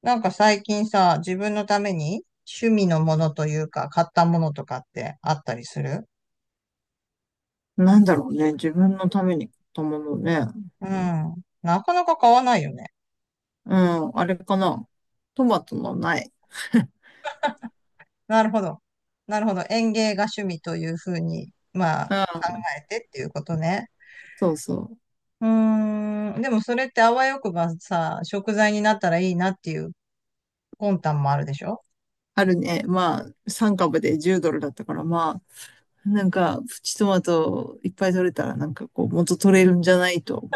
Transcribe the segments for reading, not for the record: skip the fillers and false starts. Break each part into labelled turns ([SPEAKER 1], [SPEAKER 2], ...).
[SPEAKER 1] なんか最近さ、自分のために趣味のものというか、買ったものとかってあったりする？
[SPEAKER 2] なんだろうね。自分のために買ったものね。
[SPEAKER 1] うん。なかなか買わないよね。
[SPEAKER 2] うん、あれかな。トマトのない。
[SPEAKER 1] なるほど。なるほど。園芸が趣味というふうに、まあ、考えてっていうことね。
[SPEAKER 2] そうそう。
[SPEAKER 1] うーん。でもそれってあわよくばさ、食材になったらいいなっていう魂胆もあるでしょ？
[SPEAKER 2] あるね。まあ、3株で10ドルだったから、まあ、なんか、プチトマトいっぱい取れたら、なんかこう、元取れるんじゃないと。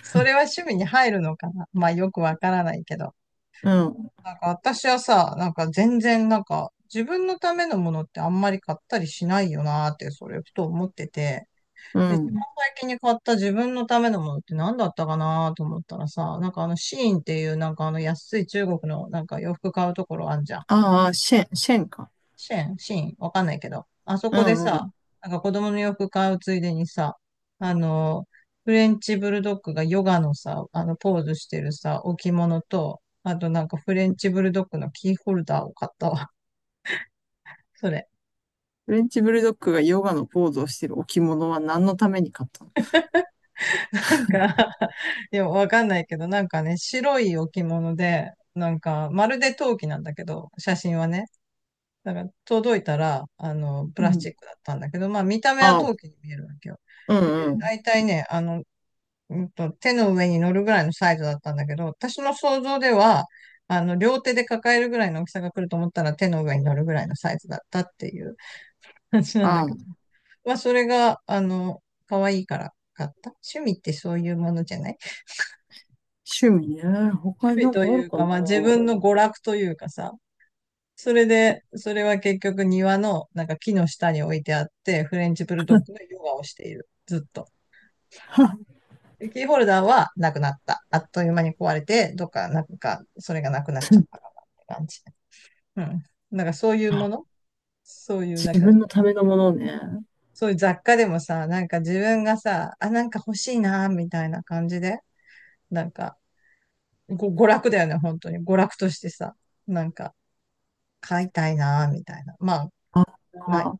[SPEAKER 1] それは趣味に入るのかな？まあよくわからないけど。
[SPEAKER 2] うん、
[SPEAKER 1] なんか私はさ、なんか全然なんか自分のためのものってあんまり買ったりしないよなーってそれふと思ってて、
[SPEAKER 2] う
[SPEAKER 1] で、一番
[SPEAKER 2] ん。
[SPEAKER 1] 最近に買った自分のためのものって何だったかなーと思ったらさ、なんかあのシーインっていうなんかあの安い中国のなんか洋服買うところあんじゃん。
[SPEAKER 2] ああ、シェンか。
[SPEAKER 1] シェン、シン、わかんないけど、あそ
[SPEAKER 2] う
[SPEAKER 1] こで
[SPEAKER 2] んう
[SPEAKER 1] さ、
[SPEAKER 2] ん。
[SPEAKER 1] なんか子供の洋服買うついでにさ、あの、フレンチブルドッグがヨガのさ、ポーズしてるさ、置物と、あとなんかフレンチブルドッグのキーホルダーを買ったわ。それ。
[SPEAKER 2] フレンチブルドッグがヨガのポーズをしてる置物は何のために買ったの？
[SPEAKER 1] なんか いや、わかんないけど、なんかね、白い置物で、なんか、まるで陶器なんだけど、写真はね。だから、届いたら、プ
[SPEAKER 2] う
[SPEAKER 1] ラス
[SPEAKER 2] ん。
[SPEAKER 1] チックだったんだけど、まあ、見た目は
[SPEAKER 2] ああ、
[SPEAKER 1] 陶器に見えるわけよ。
[SPEAKER 2] うん
[SPEAKER 1] で、
[SPEAKER 2] うん。
[SPEAKER 1] 大体ね、手の上に乗るぐらいのサイズだったんだけど、私の想像では、両手で抱えるぐらいの大きさが来ると思ったら手の上に乗るぐらいのサイズだったっていう 話なん
[SPEAKER 2] あ
[SPEAKER 1] だけ
[SPEAKER 2] あ、
[SPEAKER 1] ど。まあ、それが、可愛いから買った。趣味ってそういうものじゃない？
[SPEAKER 2] 趣味ね。他
[SPEAKER 1] 趣
[SPEAKER 2] に
[SPEAKER 1] 味
[SPEAKER 2] なん
[SPEAKER 1] と
[SPEAKER 2] かあ
[SPEAKER 1] い
[SPEAKER 2] る
[SPEAKER 1] う
[SPEAKER 2] か
[SPEAKER 1] か、
[SPEAKER 2] な。
[SPEAKER 1] まあ、自分の娯楽というかさ。それで、それは結局庭のなんか木の下に置いてあって、フレンチブルドッグのヨガをしている。ずっと。キーホルダーはなくなった。あっという間に壊れて、どっか、なんか、それがなくなっちゃった かなって感じ。うん。なんかそういうものそういう、
[SPEAKER 2] 自
[SPEAKER 1] なんか、
[SPEAKER 2] 分のためのものね。
[SPEAKER 1] そういう雑貨でもさ、なんか自分がさ、あ、なんか欲しいな、みたいな感じで、なんか、ご娯楽だよね、本当に。娯楽としてさ、なんか、買いたいな、みたいな。まあ、
[SPEAKER 2] あ
[SPEAKER 1] ない。
[SPEAKER 2] あ、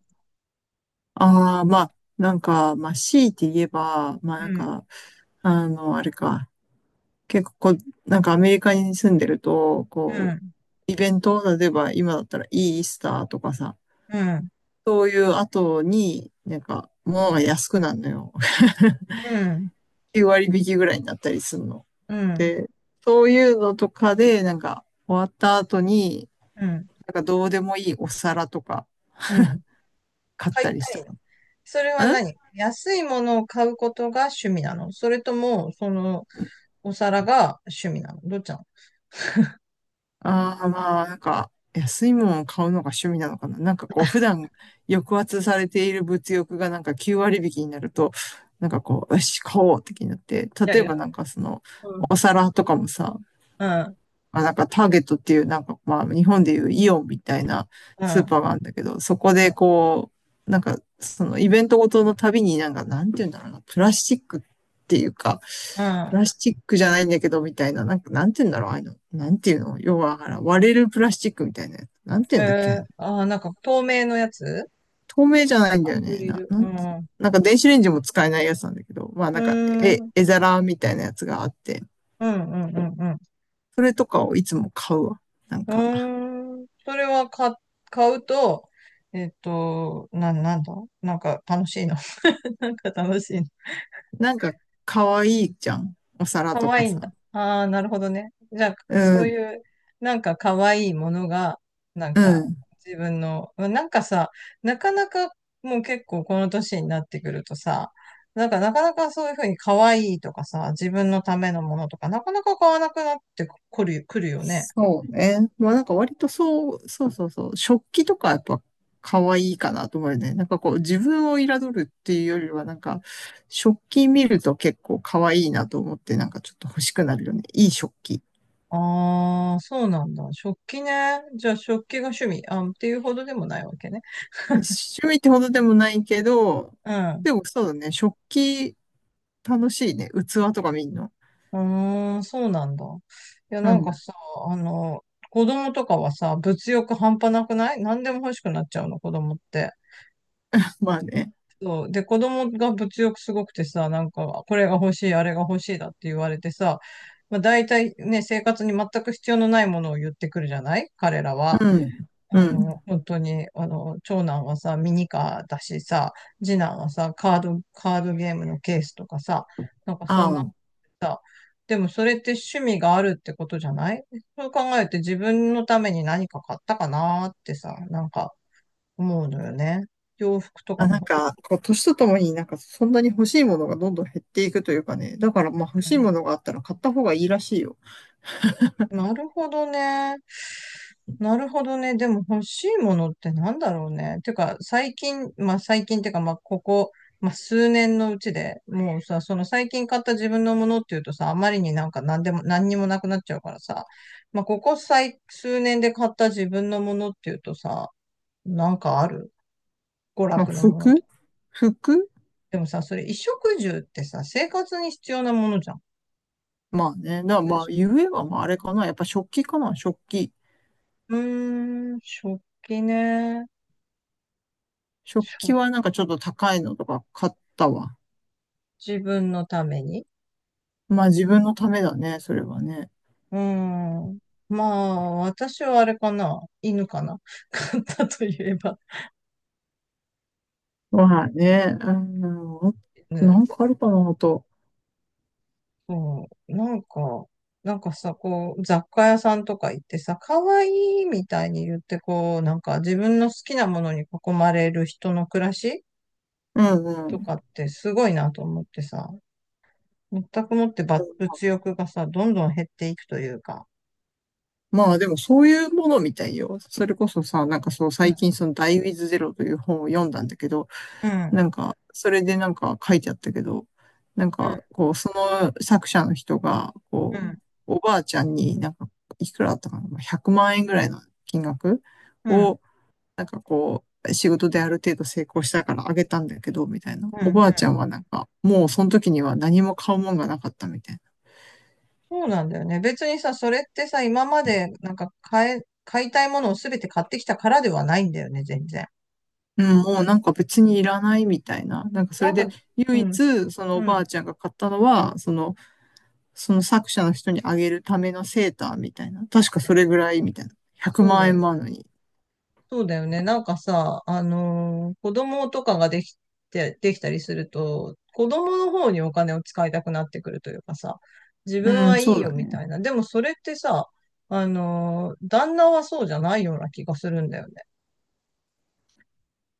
[SPEAKER 2] ああ、まあ、なんか、まあ、強いて言えば、まあ、
[SPEAKER 1] う
[SPEAKER 2] なん
[SPEAKER 1] ん、
[SPEAKER 2] か、あの、あれか。結構こう、なんかアメリカに住んでると、
[SPEAKER 1] う
[SPEAKER 2] こ
[SPEAKER 1] ん、
[SPEAKER 2] う、イベント、例えば今だったらイースターとかさ、
[SPEAKER 1] うん、
[SPEAKER 2] そういう後に、なんか、物が安くなるのよ。
[SPEAKER 1] うん、
[SPEAKER 2] 9割引きぐらいになったりするの。
[SPEAKER 1] うん、
[SPEAKER 2] で、そういうのとかで、なんか、終わった後に、
[SPEAKER 1] うん、
[SPEAKER 2] なんかどうでもいいお皿とか
[SPEAKER 1] うん。
[SPEAKER 2] 買っ
[SPEAKER 1] 買
[SPEAKER 2] た
[SPEAKER 1] い
[SPEAKER 2] りし
[SPEAKER 1] た
[SPEAKER 2] た
[SPEAKER 1] い
[SPEAKER 2] か
[SPEAKER 1] の。それは
[SPEAKER 2] な。
[SPEAKER 1] 何？安いものを買うことが趣味なの？それとも、その、お皿が趣味なの？どっちなの？
[SPEAKER 2] ああ、まあ、なんか、安いものを買うのが趣味なのかな。なんかこう、普段抑圧されている物欲がなんか9割引きになると、なんかこう、よし、買おうって気になって、
[SPEAKER 1] いや
[SPEAKER 2] 例
[SPEAKER 1] い
[SPEAKER 2] え
[SPEAKER 1] や。
[SPEAKER 2] ばなんかその、
[SPEAKER 1] うん。
[SPEAKER 2] お皿とかもさ、
[SPEAKER 1] うん。
[SPEAKER 2] まあなんかターゲットっていう、なんかまあ日本でいうイオンみたいな
[SPEAKER 1] う
[SPEAKER 2] スー
[SPEAKER 1] ん。
[SPEAKER 2] パーがあるんだけど、そこ
[SPEAKER 1] うん。
[SPEAKER 2] でこう、なんかそのイベントごとのたびになんかなんて言うんだろうな、プラスチックっていうか、
[SPEAKER 1] う
[SPEAKER 2] プ
[SPEAKER 1] ん。
[SPEAKER 2] ラスチックじゃないんだけどみたいな、なんかなんて言うんだろう、ああいうの、なんていうの、要は割れるプラスチックみたいなやつ、なんて言うんだっけ、ああい
[SPEAKER 1] え
[SPEAKER 2] う
[SPEAKER 1] ー、
[SPEAKER 2] の
[SPEAKER 1] あー、なんか透明のやつ？
[SPEAKER 2] 透明じゃないんだ
[SPEAKER 1] ア
[SPEAKER 2] よ
[SPEAKER 1] ク
[SPEAKER 2] ね。
[SPEAKER 1] リル。
[SPEAKER 2] な
[SPEAKER 1] うん。
[SPEAKER 2] んて
[SPEAKER 1] う
[SPEAKER 2] なんか電子レンジも使えないやつなんだけど、まあ
[SPEAKER 1] ー
[SPEAKER 2] なんか
[SPEAKER 1] ん。
[SPEAKER 2] 絵、
[SPEAKER 1] うん。
[SPEAKER 2] 絵皿みたいなやつがあって、
[SPEAKER 1] うん。うん
[SPEAKER 2] それとかをいつも買うわ。なん
[SPEAKER 1] うん。
[SPEAKER 2] か。
[SPEAKER 1] うーん。それは買うと、なんだ、なんか楽しいの？ なんか楽しいの？
[SPEAKER 2] なんか、可愛いじゃん。お皿と
[SPEAKER 1] 可
[SPEAKER 2] か
[SPEAKER 1] 愛いんだ。
[SPEAKER 2] さ。
[SPEAKER 1] ああ、なるほどね。じゃあ、
[SPEAKER 2] う
[SPEAKER 1] そうい
[SPEAKER 2] ん、
[SPEAKER 1] う、なんか可愛いものが、なん
[SPEAKER 2] う
[SPEAKER 1] か
[SPEAKER 2] ん。
[SPEAKER 1] 自分の、まあなんかさ、なかなかもう結構この年になってくるとさ、なんかなかなかそういうふうに可愛いとかさ、自分のためのものとか、なかなか買わなくなってくるよね。
[SPEAKER 2] そうね。まあなんか割とそう、そうそうそう。食器とかやっぱ可愛いかなと思うよね。なんかこう自分を彩るっていうよりはなんか食器見ると結構可愛いなと思ってなんかちょっと欲しくなるよね。いい食器。
[SPEAKER 1] ああ、そうなんだ。食器ね。じゃあ食器が趣味、あ、っていうほどでもないわけね。
[SPEAKER 2] 趣味ってほどでもないけど、
[SPEAKER 1] うん。
[SPEAKER 2] でもそうだね。食器楽しいね。器とか見んの。
[SPEAKER 1] うーん、そうなんだ。いや、
[SPEAKER 2] う
[SPEAKER 1] なんか
[SPEAKER 2] ん。
[SPEAKER 1] さ、あの、子供とかはさ、物欲半端なくない？何でも欲しくなっちゃうの、子供って。
[SPEAKER 2] まあね。
[SPEAKER 1] そう。で、子供が物欲すごくてさ、なんか、これが欲しい、あれが欲しいだって言われてさ、まあ、大体ね、生活に全く必要のないものを言ってくるじゃない彼ら
[SPEAKER 2] う
[SPEAKER 1] は。
[SPEAKER 2] ん。うん。
[SPEAKER 1] 本当に、長男はさ、ミニカーだしさ、次男はさ、カードゲームのケースとかさ、なんかそ
[SPEAKER 2] あ
[SPEAKER 1] んな
[SPEAKER 2] あ。
[SPEAKER 1] さ、でもそれって趣味があるってことじゃない？そう考えて自分のために何か買ったかなーってさ、なんか思うのよね。洋服とか
[SPEAKER 2] あ、なん
[SPEAKER 1] も。
[SPEAKER 2] か、こう、年とともになんか、そんなに欲しいものがどんどん減っていくというかね。だから、まあ、欲しいものがあったら買った方がいいらしいよ。
[SPEAKER 1] なるほどね。なるほどね。でも欲しいものってなんだろうね。てか、最近、まあ最近ってか、まあここ、まあ数年のうちで、もうさ、その最近買った自分のものっていうとさ、あまりになんか何でも、何にもなくなっちゃうからさ、まあここ数年で買った自分のものっていうとさ、なんかある？娯
[SPEAKER 2] まあ、
[SPEAKER 1] 楽のもの
[SPEAKER 2] 服
[SPEAKER 1] と。
[SPEAKER 2] 服
[SPEAKER 1] でもさ、それ衣食住ってさ、生活に必要なものじゃん。
[SPEAKER 2] まあね。だからま
[SPEAKER 1] で
[SPEAKER 2] あ、
[SPEAKER 1] しょ？
[SPEAKER 2] ゆえはまあ、あれかな。やっぱ食器かな。食器。
[SPEAKER 1] うーん、食器ね。
[SPEAKER 2] 食器はなんかちょっと高いのとか買ったわ。
[SPEAKER 1] 自分のために。
[SPEAKER 2] まあ、自分のためだね。それはね。
[SPEAKER 1] うーん。まあ、私はあれかな。犬かな。飼ったといえば
[SPEAKER 2] まあね。うん。
[SPEAKER 1] 犬。
[SPEAKER 2] なんかあるかな、あと。
[SPEAKER 1] そう。なんか、なんかさ、こう、雑貨屋さんとか行ってさ、可愛いみたいに言って、こう、なんか自分の好きなものに囲まれる人の暮らし
[SPEAKER 2] うんう
[SPEAKER 1] とか
[SPEAKER 2] ん。
[SPEAKER 1] ってすごいなと思ってさ、全くもってば物欲がさ、どんどん減っていくというか。
[SPEAKER 2] まあでもそういうものみたいよ。それこそさ、なんかそう
[SPEAKER 1] うん、
[SPEAKER 2] 最近そのダイ EWIT という本を読んだんだけど、
[SPEAKER 1] うん、
[SPEAKER 2] なんかそれでなんか書いてあったけど、なん
[SPEAKER 1] うん、
[SPEAKER 2] かこうその作者の人が、
[SPEAKER 1] う
[SPEAKER 2] こう、
[SPEAKER 1] ん、
[SPEAKER 2] おばあちゃんになんかいくらだったかな、まあ100万円ぐらいの金額
[SPEAKER 1] うん、
[SPEAKER 2] を、なんかこう、仕事である程度成功したからあげたんだけど、みたいな。
[SPEAKER 1] うん、
[SPEAKER 2] お
[SPEAKER 1] う
[SPEAKER 2] ばあちゃ
[SPEAKER 1] ん。
[SPEAKER 2] んはなんか、もうその時には何も買うもんがなかったみたいな。
[SPEAKER 1] そうなんだよね。別にさ、それってさ、今までなんか買いたいものをすべて買ってきたからではないんだよね、全然。
[SPEAKER 2] うん、もうなんか別にいらないみたいな。なんかそ
[SPEAKER 1] な
[SPEAKER 2] れ
[SPEAKER 1] んか、
[SPEAKER 2] で
[SPEAKER 1] う
[SPEAKER 2] 唯
[SPEAKER 1] ん、
[SPEAKER 2] 一そのお
[SPEAKER 1] う
[SPEAKER 2] ば
[SPEAKER 1] ん、
[SPEAKER 2] あちゃんが買ったのは、その、その作者の人にあげるためのセーターみたいな。確かそれぐらいみたいな。100
[SPEAKER 1] そう
[SPEAKER 2] 万
[SPEAKER 1] だ
[SPEAKER 2] 円
[SPEAKER 1] よ。
[SPEAKER 2] もあるのに。
[SPEAKER 1] そうだよね。なんかさ、子供とかができて、できたりすると、子供の方にお金を使いたくなってくるというかさ、自分
[SPEAKER 2] う
[SPEAKER 1] は
[SPEAKER 2] ん、
[SPEAKER 1] い
[SPEAKER 2] そ
[SPEAKER 1] い
[SPEAKER 2] う
[SPEAKER 1] よ
[SPEAKER 2] だ
[SPEAKER 1] みた
[SPEAKER 2] ね。
[SPEAKER 1] いな。でもそれってさ、旦那はそうじゃないような気がするんだよね。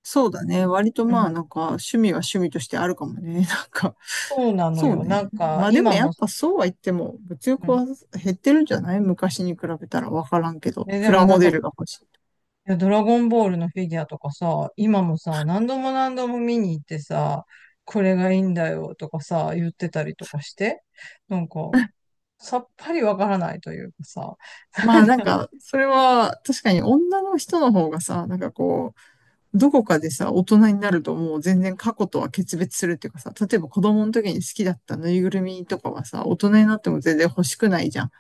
[SPEAKER 2] そうだね。割と
[SPEAKER 1] う
[SPEAKER 2] まあ
[SPEAKER 1] ん。
[SPEAKER 2] なんか趣味は趣味としてあるかもね。なんか、
[SPEAKER 1] そうなの
[SPEAKER 2] そう
[SPEAKER 1] よ。な
[SPEAKER 2] ね。
[SPEAKER 1] んか、
[SPEAKER 2] まあでも
[SPEAKER 1] 今
[SPEAKER 2] や
[SPEAKER 1] も、
[SPEAKER 2] っぱそうは言っても物
[SPEAKER 1] う
[SPEAKER 2] 欲
[SPEAKER 1] ん。
[SPEAKER 2] は減ってるんじゃない？昔に比べたらわからんけど。
[SPEAKER 1] え、で
[SPEAKER 2] プ
[SPEAKER 1] も
[SPEAKER 2] ラ
[SPEAKER 1] な
[SPEAKER 2] モ
[SPEAKER 1] ん
[SPEAKER 2] デ
[SPEAKER 1] か、
[SPEAKER 2] ルが欲しい。
[SPEAKER 1] いや、ドラゴンボールのフィギュアとかさ、今もさ、何度も何度も見に行ってさ、これがいいんだよとかさ、言ってたりとかして、なんか、さっぱりわからないというかさ、
[SPEAKER 2] まあなんか、それは確かに女の人の方がさ、なんかこう、どこかでさ、大人になるともう全然過去とは決別するっていうかさ、例えば子供の時に好きだったぬいぐるみとかはさ、大人になっても全然欲しくないじゃん。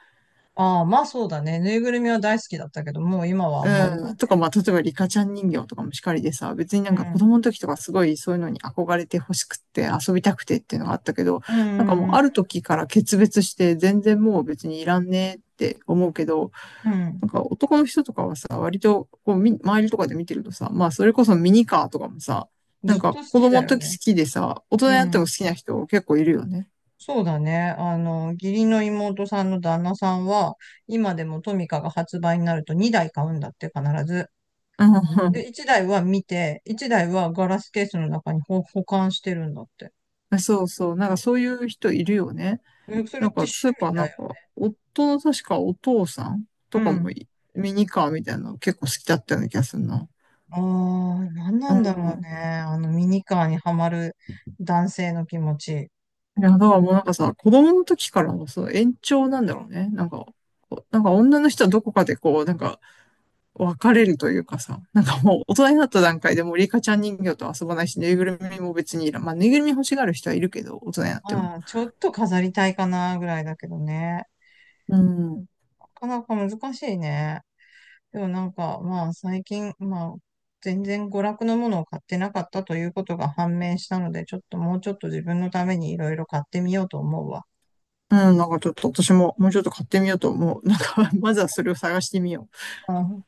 [SPEAKER 1] ああ、まあそうだね。ぬいぐるみは大好きだったけど、もう今はあんまり
[SPEAKER 2] う
[SPEAKER 1] だ
[SPEAKER 2] ん。
[SPEAKER 1] ね。
[SPEAKER 2] とか、まあ、例えばリカちゃん人形とかもしかりでさ、別にな
[SPEAKER 1] う
[SPEAKER 2] んか子
[SPEAKER 1] ん。
[SPEAKER 2] 供の時とかすごいそういうのに憧れて欲しくって遊びたくてっていうのがあったけど、
[SPEAKER 1] うん
[SPEAKER 2] なんかも
[SPEAKER 1] う
[SPEAKER 2] う
[SPEAKER 1] ん
[SPEAKER 2] ある時から決別して全然もう別にいらんねって思うけど、
[SPEAKER 1] うん。うん。
[SPEAKER 2] なんか男の人とかはさ、割とこう周りとかで見てるとさ、まあそれこそミニカーとかもさ、な
[SPEAKER 1] ず
[SPEAKER 2] ん
[SPEAKER 1] っと
[SPEAKER 2] か
[SPEAKER 1] 好
[SPEAKER 2] 子
[SPEAKER 1] き
[SPEAKER 2] 供
[SPEAKER 1] だ
[SPEAKER 2] の
[SPEAKER 1] よ
[SPEAKER 2] 時
[SPEAKER 1] ね。
[SPEAKER 2] 好きでさ、大人に
[SPEAKER 1] う
[SPEAKER 2] なって
[SPEAKER 1] ん。
[SPEAKER 2] も好きな人結構いるよね。
[SPEAKER 1] そうだね。義理の妹さんの旦那さんは、今でもトミカが発売になると2台買うんだって必ず。
[SPEAKER 2] う
[SPEAKER 1] で、
[SPEAKER 2] ん。
[SPEAKER 1] 一台は見て、一台はガラスケースの中に保管してるんだって。
[SPEAKER 2] そうそう。なんかそういう人いるよね。
[SPEAKER 1] え、そ
[SPEAKER 2] な
[SPEAKER 1] れっ
[SPEAKER 2] ん
[SPEAKER 1] て趣
[SPEAKER 2] かスーパ
[SPEAKER 1] 味
[SPEAKER 2] ーな
[SPEAKER 1] だ
[SPEAKER 2] ん
[SPEAKER 1] よ
[SPEAKER 2] か、
[SPEAKER 1] ね。
[SPEAKER 2] 夫の確かお父さん
[SPEAKER 1] う
[SPEAKER 2] とかも
[SPEAKER 1] ん。
[SPEAKER 2] いミニカーみたいなの結構好きだったような気がするな。
[SPEAKER 1] ああ、なんな
[SPEAKER 2] う
[SPEAKER 1] んだろうね。
[SPEAKER 2] ん。
[SPEAKER 1] あのミニカーにはまる男性の気持ち。
[SPEAKER 2] いや、だからもうなんかさ、子供の時からのその延長なんだろうね。なんか、こうなんか女の人はどこかでこう、なんか別れるというかさ、なんかもう大人になった段階でもうリカちゃん人形と遊ばないし、ぬいぐるみも別にいらん。まあ、ぬいぐるみ欲しがる人はいるけど、大人になっても。
[SPEAKER 1] ああ、ちょっと飾りたいかなぐらいだけどね。
[SPEAKER 2] うん。
[SPEAKER 1] なかなか難しいね。でもなんか、まあ最近、まあ、全然娯楽のものを買ってなかったということが判明したので、ちょっともうちょっと自分のためにいろいろ買ってみようと思うわ。
[SPEAKER 2] うん、なんかちょっと私ももうちょっと買ってみようと思う。なんか、まずはそれを探してみよう。
[SPEAKER 1] うん